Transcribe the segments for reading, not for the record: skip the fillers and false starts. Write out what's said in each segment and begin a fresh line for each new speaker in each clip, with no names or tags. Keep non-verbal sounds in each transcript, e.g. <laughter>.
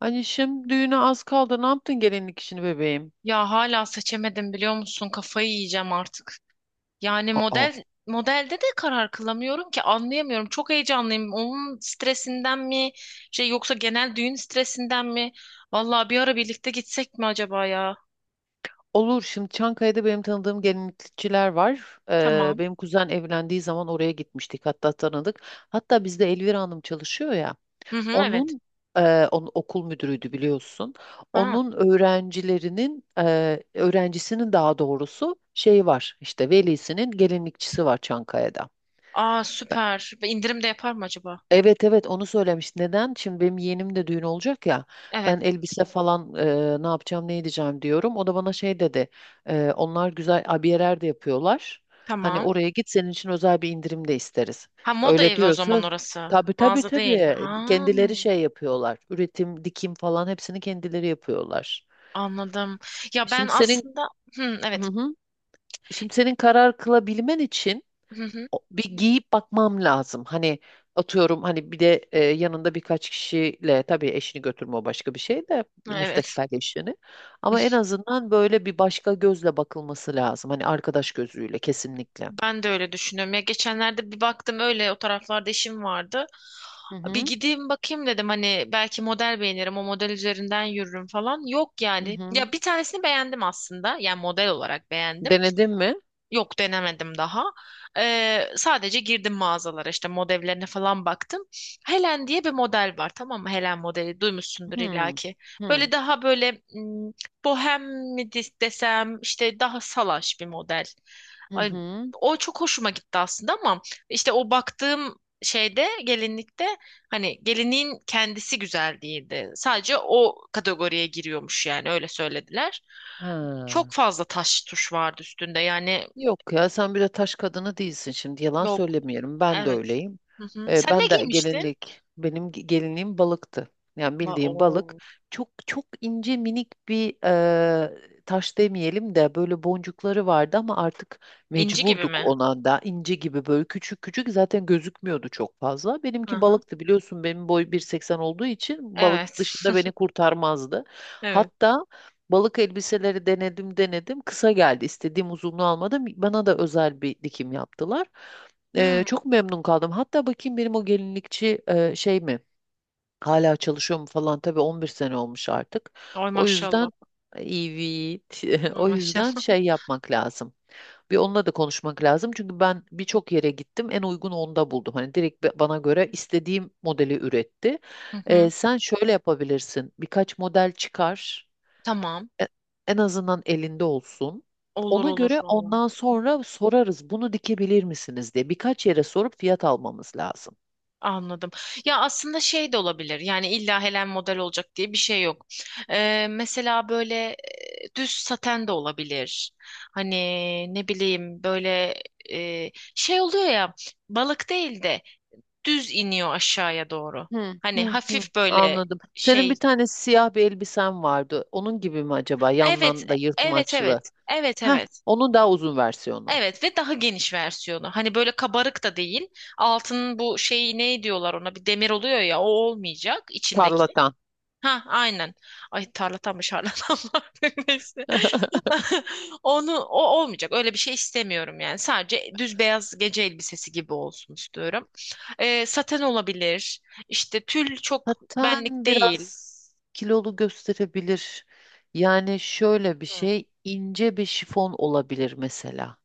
Anişim düğüne az kaldı. Ne yaptın gelinlik işini bebeğim?
Ya hala seçemedim biliyor musun? Kafayı yiyeceğim artık. Yani
Aa,
model modelde de karar kılamıyorum ki anlayamıyorum. Çok heyecanlıyım. Onun stresinden mi yoksa genel düğün stresinden mi? Vallahi bir ara birlikte gitsek mi acaba ya?
olur. Şimdi Çankaya'da benim tanıdığım gelinlikçiler var.
Tamam.
Benim kuzen evlendiği zaman oraya gitmiştik. Hatta tanıdık. Hatta bizde Elvira Hanım çalışıyor ya.
Hı hı, evet.
Onun onun okul müdürüydü biliyorsun.
Ha.
Onun öğrencilerinin öğrencisinin daha doğrusu şey var. İşte velisinin gelinlikçisi var Çankaya'da.
Aa, süper. Ve indirim de yapar mı acaba?
Evet evet, onu söylemiş. Neden? Şimdi benim yeğenim de düğün olacak ya.
Evet.
Ben elbise falan ne yapacağım ne edeceğim diyorum. O da bana şey dedi. Onlar güzel abiyeler de yapıyorlar. Hani
Tamam.
oraya git, senin için özel bir indirim de isteriz.
Ha, moda
Öyle
evi o zaman
diyorsa
orası.
tabii tabii
Mağaza değil.
tabii,
Ha.
kendileri şey yapıyorlar. Üretim, dikim falan hepsini kendileri yapıyorlar.
Anladım. Ya ben
Şimdi senin
aslında, hı,
hı
evet.
hı. Şimdi senin karar kılabilmen için
Hı hı,
bir giyip bakmam lazım. Hani atıyorum, hani bir de yanında birkaç kişiyle, tabii eşini götürme, o başka bir şey, de
evet.
müstakbel eşini. Ama en azından böyle bir başka gözle bakılması lazım. Hani arkadaş gözüyle kesinlikle.
Ben de öyle düşünüyorum. Ya geçenlerde bir baktım, öyle o taraflarda işim vardı.
Hı
Bir
hı.
gideyim bakayım dedim, hani belki model beğenirim, o model üzerinden yürürüm falan. Yok
Hı
yani.
hı.
Ya bir tanesini beğendim aslında. Yani model olarak beğendim.
Denedin mi?
Yok, denemedim daha. Sadece girdim mağazalara, işte modellerine falan baktım. Helen diye bir model var, tamam mı? Helen modeli duymuşsundur
Hı.
illaki.
Hı.
Böyle, daha böyle bohem mi desem, işte daha salaş bir model.
Hı
Ay,
hı.
o çok hoşuma gitti aslında ama işte o baktığım şeyde, gelinlikte, hani gelinliğin kendisi güzel değildi. Sadece o kategoriye giriyormuş, yani öyle söylediler. Çok
Ha.
fazla taş tuş vardı üstünde yani.
Yok ya, sen bir de taş kadını değilsin, şimdi yalan
Yok.
söylemiyorum, ben de
Evet.
öyleyim.
Hı hı. Sen ne
Ben de
giymiştin?
gelinlik, benim gelinliğim balıktı. Yani bildiğim balık,
Oo.
çok çok ince minik bir taş demeyelim de böyle boncukları vardı ama artık
İnci gibi
mecburduk,
mi?
ona da ince gibi böyle küçük küçük, zaten gözükmüyordu çok fazla. Benimki
Hı hı.
balıktı, biliyorsun benim boy 1,80 olduğu için balık
Evet.
dışında
<laughs>
beni kurtarmazdı.
Evet.
Hatta Balık elbiseleri denedim denedim. Kısa geldi. İstediğim uzunluğu almadım. Bana da özel bir dikim yaptılar.
Hmm.
Çok memnun kaldım. Hatta bakayım, benim o gelinlikçi şey mi? Hala çalışıyor mu falan. Tabii 11 sene olmuş artık.
Ay
O yüzden
maşallah.
evet. <laughs>
Ay
O yüzden
maşallah.
şey yapmak lazım. Bir onunla da konuşmak lazım. Çünkü ben birçok yere gittim. En uygun onda buldum. Hani direkt bana göre istediğim modeli üretti.
<laughs> Hı hı.
Sen şöyle yapabilirsin. Birkaç model çıkar.
Tamam.
E- En azından elinde olsun.
Olur
Ona
olur
göre
valla.
ondan sonra sorarız bunu dikebilir misiniz diye. Birkaç yere sorup fiyat almamız lazım.
Anladım. Ya aslında şey de olabilir. Yani illa Helen model olacak diye bir şey yok. Mesela böyle, düz saten de olabilir. Hani ne bileyim, böyle şey oluyor ya, balık değil de düz iniyor aşağıya doğru.
Hı
Hani
hı hı.
hafif böyle
Anladım. Senin
şey.
bir tane siyah bir elbisen vardı. Onun gibi mi acaba?
Evet,
Yandan da
evet,
yırtmaçlı.
evet. Evet,
Heh,
evet.
onun daha uzun versiyonu.
Evet, ve daha geniş versiyonu. Hani böyle kabarık da değil. Altının bu şeyi, ne diyorlar ona? Bir demir oluyor ya, o olmayacak içindeki.
Tarlatan.
Ha, aynen. Ay, tarlatan mı şarlatan mı artık? <laughs> Neyse.
<laughs>
<laughs> Onu, o olmayacak. Öyle bir şey istemiyorum yani. Sadece düz beyaz gece elbisesi gibi olsun istiyorum. Saten olabilir. İşte tül çok benlik
Zaten
değil.
biraz kilolu gösterebilir. Yani şöyle bir
Hı.
şey, ince bir şifon olabilir mesela.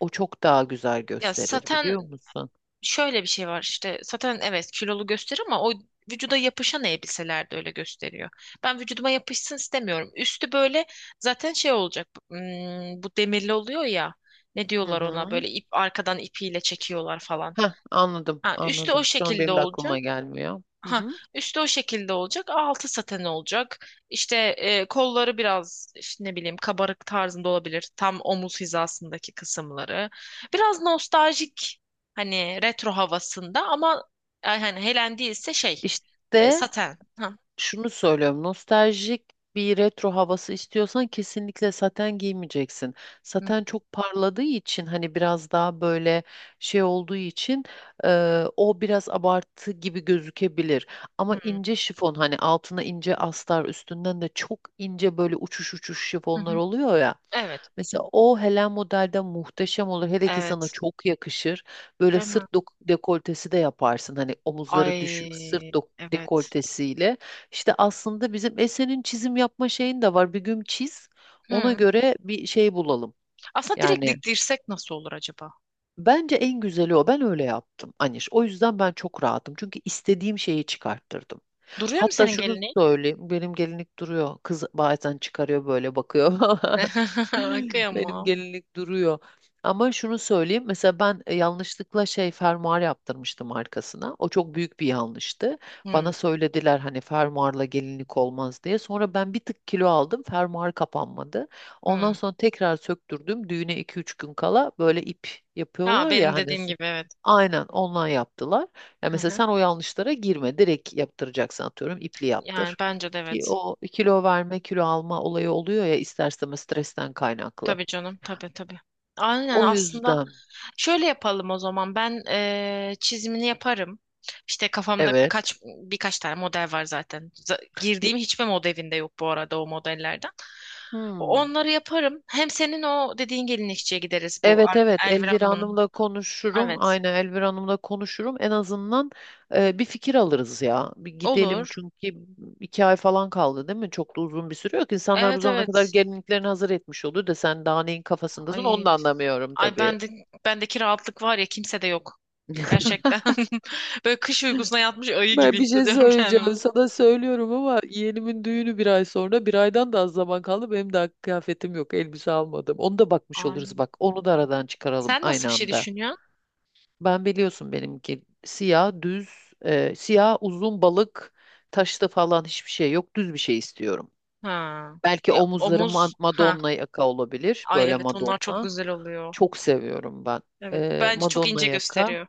O çok daha güzel
Ya
gösterir,
saten,
biliyor musun?
şöyle bir şey var, işte saten, evet, kilolu gösteriyor ama o vücuda yapışan elbiseler de öyle gösteriyor. Ben vücuduma yapışsın istemiyorum. Üstü böyle zaten şey olacak, bu demirli oluyor ya, ne
Hı
diyorlar ona,
hı.
böyle ip, arkadan ipiyle çekiyorlar falan.
Heh, anladım,
Ha, üstü o
anladım. Şu an
şekilde
benim de aklıma
olacak.
gelmiyor. Hı
Ha,
hı.
üstü o şekilde olacak, altı saten olacak. İşte kolları biraz işte ne bileyim kabarık tarzında olabilir. Tam omuz hizasındaki kısımları. Biraz nostaljik, hani retro havasında ama hani helen değilse şey,
İşte
saten. Ha.
şunu söylüyorum. Nostaljik bir retro havası istiyorsan kesinlikle saten giymeyeceksin.
Hı,
Saten çok parladığı için, hani biraz daha böyle şey olduğu için o biraz abartı gibi gözükebilir. Ama
hı,
ince şifon, hani altına ince astar, üstünden de çok ince böyle uçuş uçuş
hı
şifonlar
hı.
oluyor ya.
Evet,
Mesela o Helen modelde muhteşem olur. Hele ki sana
evet.
çok yakışır. Böyle
Değil
sırt
mi?
dekoltesi de yaparsın. Hani omuzları düşük sırt
Ay, evet.
dekoltesiyle. İşte aslında bizim Esen'in çizim yapma şeyin de var. Bir gün çiz. Ona
Hı.
göre bir şey bulalım.
Aslında direkt
Yani
diktirsek nasıl olur acaba?
Bence en güzeli o. Ben öyle yaptım Aniş. O yüzden ben çok rahatım. Çünkü istediğim şeyi çıkarttırdım.
Duruyor mu
Hatta
senin
şunu
gelinin?
söyleyeyim. Benim gelinlik duruyor. Kız bazen çıkarıyor böyle bakıyor. <laughs>
<laughs>
Benim
Kıyamam.
gelinlik duruyor. Ama şunu söyleyeyim. Mesela ben yanlışlıkla şey fermuar yaptırmıştım arkasına. O çok büyük bir yanlıştı. Bana
Hı,
söylediler hani fermuarla gelinlik olmaz diye. Sonra ben bir tık kilo aldım. Fermuar kapanmadı. Ondan
hı.
sonra tekrar söktürdüm. Düğüne 2-3 gün kala böyle ip
Ha,
yapıyorlar ya
benim
hani.
dediğim gibi, evet.
Aynen ondan yaptılar. Ya
Hı
mesela
hı.
sen o yanlışlara girme. Direkt yaptıracaksın, atıyorum ipli
Yani
yaptır.
bence de
Ki
evet.
o kilo verme kilo alma olayı oluyor ya, ister istemez stresten kaynaklı.
Tabii canım, tabii tabii. Aynen.
O
Aslında
yüzden
şöyle yapalım o zaman. Ben çizimini yaparım. İşte kafamda kaç
evet.
birkaç tane model var zaten. Girdiğim
Ye-
hiçbir modelinde yok bu arada, o modellerden.
Hmm.
Onları yaparım. Hem senin o dediğin gelinlikçiye gideriz, bu
evet evet,
Elvira
Elvira
Hanım'ın.
Hanım'la konuşurum.
Evet.
Aynen, Elvira Hanım'la konuşurum. En azından bir fikir alırız ya. Bir gidelim
Olur.
çünkü 2 ay falan kaldı değil mi? Çok da uzun bir süre yok. İnsanlar bu
Evet,
zamana kadar
evet.
gelinliklerini hazır etmiş oldu da, sen daha neyin kafasındasın onu da
Ay,
anlamıyorum
ay,
tabii.
bendeki rahatlık var ya, kimse de yok.
<laughs>
Gerçekten. <laughs> Böyle kış uykusuna yatmış ayı gibi
Ben bir şey
hissediyorum
söyleyeceğim
kendimi.
sana, söylüyorum ama yeğenimin düğünü 1 ay sonra, bir aydan da az zaman kaldı, benim daha kıyafetim yok, elbise almadım, onu da bakmış
Ay.
oluruz, bak onu da aradan çıkaralım
Sen nasıl
aynı
bir şey
anda.
düşünüyorsun?
Ben, biliyorsun benimki siyah düz siyah uzun balık, taşlı falan hiçbir şey yok, düz bir şey istiyorum.
Ha.
Belki omuzları
Omuz. Ha.
Madonna yaka olabilir,
Ay
böyle
evet, onlar çok
Madonna
güzel oluyor.
çok seviyorum ben.
Evet. Bence çok
Madonna
ince
yaka,
gösteriyor.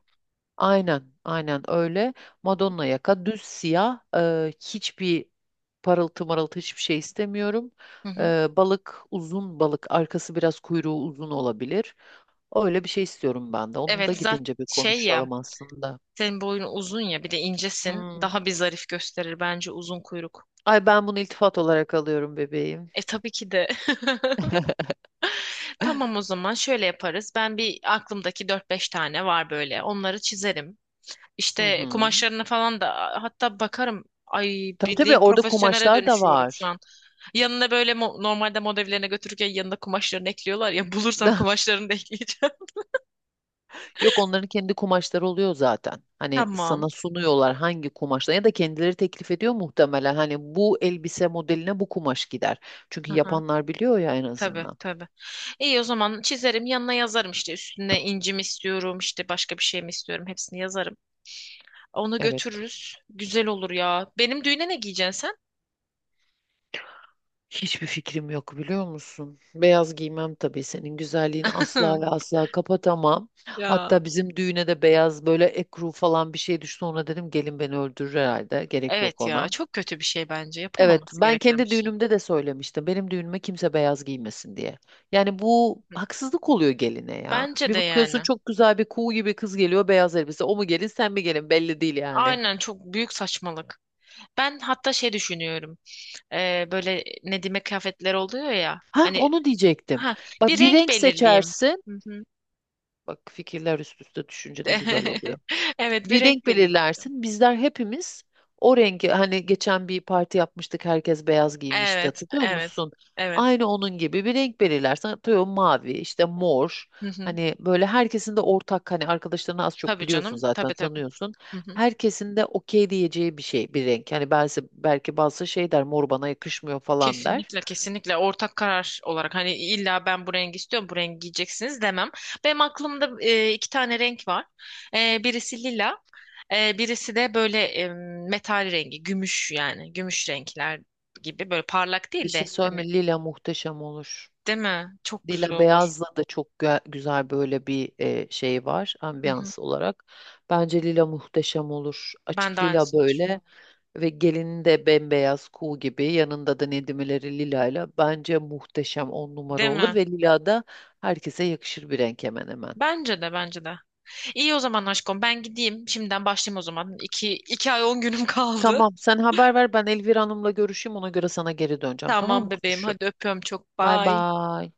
aynen aynen öyle, Madonna yaka düz siyah, hiçbir parıltı marıltı hiçbir şey istemiyorum.
Hı hı.
Balık, uzun balık, arkası biraz kuyruğu uzun olabilir. Öyle bir şey istiyorum ben de. Onu da
Evet, zaten
gidince bir
şey ya,
konuşalım aslında.
senin boyun uzun ya, bir de incesin.
Hmm.
Daha bir zarif gösterir bence uzun kuyruk.
Ay, ben bunu iltifat olarak alıyorum bebeğim.
E, tabii ki de. <laughs> Tamam, o zaman şöyle yaparız. Ben, bir, aklımdaki dört beş tane var böyle. Onları çizerim.
Hı
İşte
hı.
kumaşlarına falan da hatta bakarım. Ay,
Tabii tabii,
bildiğim
orada
profesyonele
kumaşlar da
dönüşüyorum şu
var.
an. Yanına böyle normalde modellerine götürürken yanına kumaşlarını ekliyorlar ya. <laughs> Bulursam
<laughs>
kumaşlarını da ekleyeceğim.
Yok, onların kendi kumaşları oluyor zaten.
<laughs>
Hani
Tamam.
sana sunuyorlar hangi kumaşla, ya da kendileri teklif ediyor muhtemelen. Hani bu elbise modeline bu kumaş gider. Çünkü
Aha.
yapanlar biliyor ya en
Tabii
azından.
tabii. İyi, o zaman çizerim, yanına yazarım, işte üstüne inci mi istiyorum, işte başka bir şey mi istiyorum, hepsini yazarım. Onu
Evet.
götürürüz. Güzel olur ya. Benim düğüne ne giyeceksin
Hiçbir fikrim yok, biliyor musun? Beyaz giymem tabii, senin güzelliğini
sen?
asla ve
<laughs>
asla kapatamam.
Ya.
Hatta bizim düğüne de beyaz böyle ekru falan bir şey düştü. Ona dedim, gelin beni öldürür herhalde. Gerek yok
Evet
ona.
ya, çok kötü bir şey bence.
Evet,
Yapılmaması
ben
gereken bir
kendi
şey.
düğünümde de söylemiştim. Benim düğünüme kimse beyaz giymesin diye. Yani bu
Hı.
haksızlık oluyor geline ya.
Bence
Bir
de
bakıyorsun
yani.
çok güzel bir kuğu gibi kız geliyor, beyaz elbise. O mu gelin sen mi gelin belli değil yani.
Aynen, çok büyük saçmalık. Ben hatta şey düşünüyorum. Böyle Nedim'e kıyafetler oluyor ya.
Ha,
Hani,
onu diyecektim.
ha,
Bak,
bir
bir
renk
renk
belirleyeyim.
seçersin.
Hı hı.
Bak, fikirler üst üste düşünce ne güzel
<laughs>
oluyor.
Evet, bir
Bir
renk
renk
belirleyeceğim.
belirlersin. Bizler hepimiz o rengi, hani geçen bir parti yapmıştık herkes beyaz giymişti
Evet,
hatırlıyor
evet,
musun?
evet.
Aynı onun gibi bir renk belirlersin. Atıyorum mavi, işte mor.
Hı hı.
Hani böyle herkesin de ortak, hani arkadaşlarını az çok
Tabii
biliyorsun
canım,
zaten,
tabii tabii.
tanıyorsun.
Hı hı.
Herkesin de okey diyeceği bir şey, bir renk. Hani belki, belki bazı şey der, mor bana yakışmıyor falan der.
Kesinlikle, kesinlikle ortak karar olarak, hani illa ben bu rengi istiyorum, bu rengi giyeceksiniz demem. Benim aklımda iki tane renk var. Birisi lila, birisi de böyle, metal rengi, gümüş, yani gümüş renkler gibi, böyle parlak
Bir
değil
şey
de hani,
söyleme, lila muhteşem olur.
değil mi? Çok güzel
Dila
olur.
Beyaz'la da çok güzel böyle bir şey var,
Hı hı.
ambiyans olarak. Bence lila muhteşem olur.
Ben de
Açık lila
aynısını düşünüyorum.
böyle, ve gelinin de bembeyaz kuğu gibi, yanında da Nedimeleri lilayla, bence muhteşem on numara
Değil
olur.
mi?
Ve lila da herkese yakışır bir renk hemen hemen.
Bence de, bence de. İyi, o zaman aşkım, ben gideyim. Şimdiden başlayayım o zaman. İki ay on günüm <laughs> kaldı.
Tamam, sen haber ver, ben Elvira Hanım'la görüşeyim, ona göre sana geri döneceğim, tamam mı
Tamam bebeğim,
kuzuşum?
hadi öpüyorum çok.
Bay
Bye.
bay.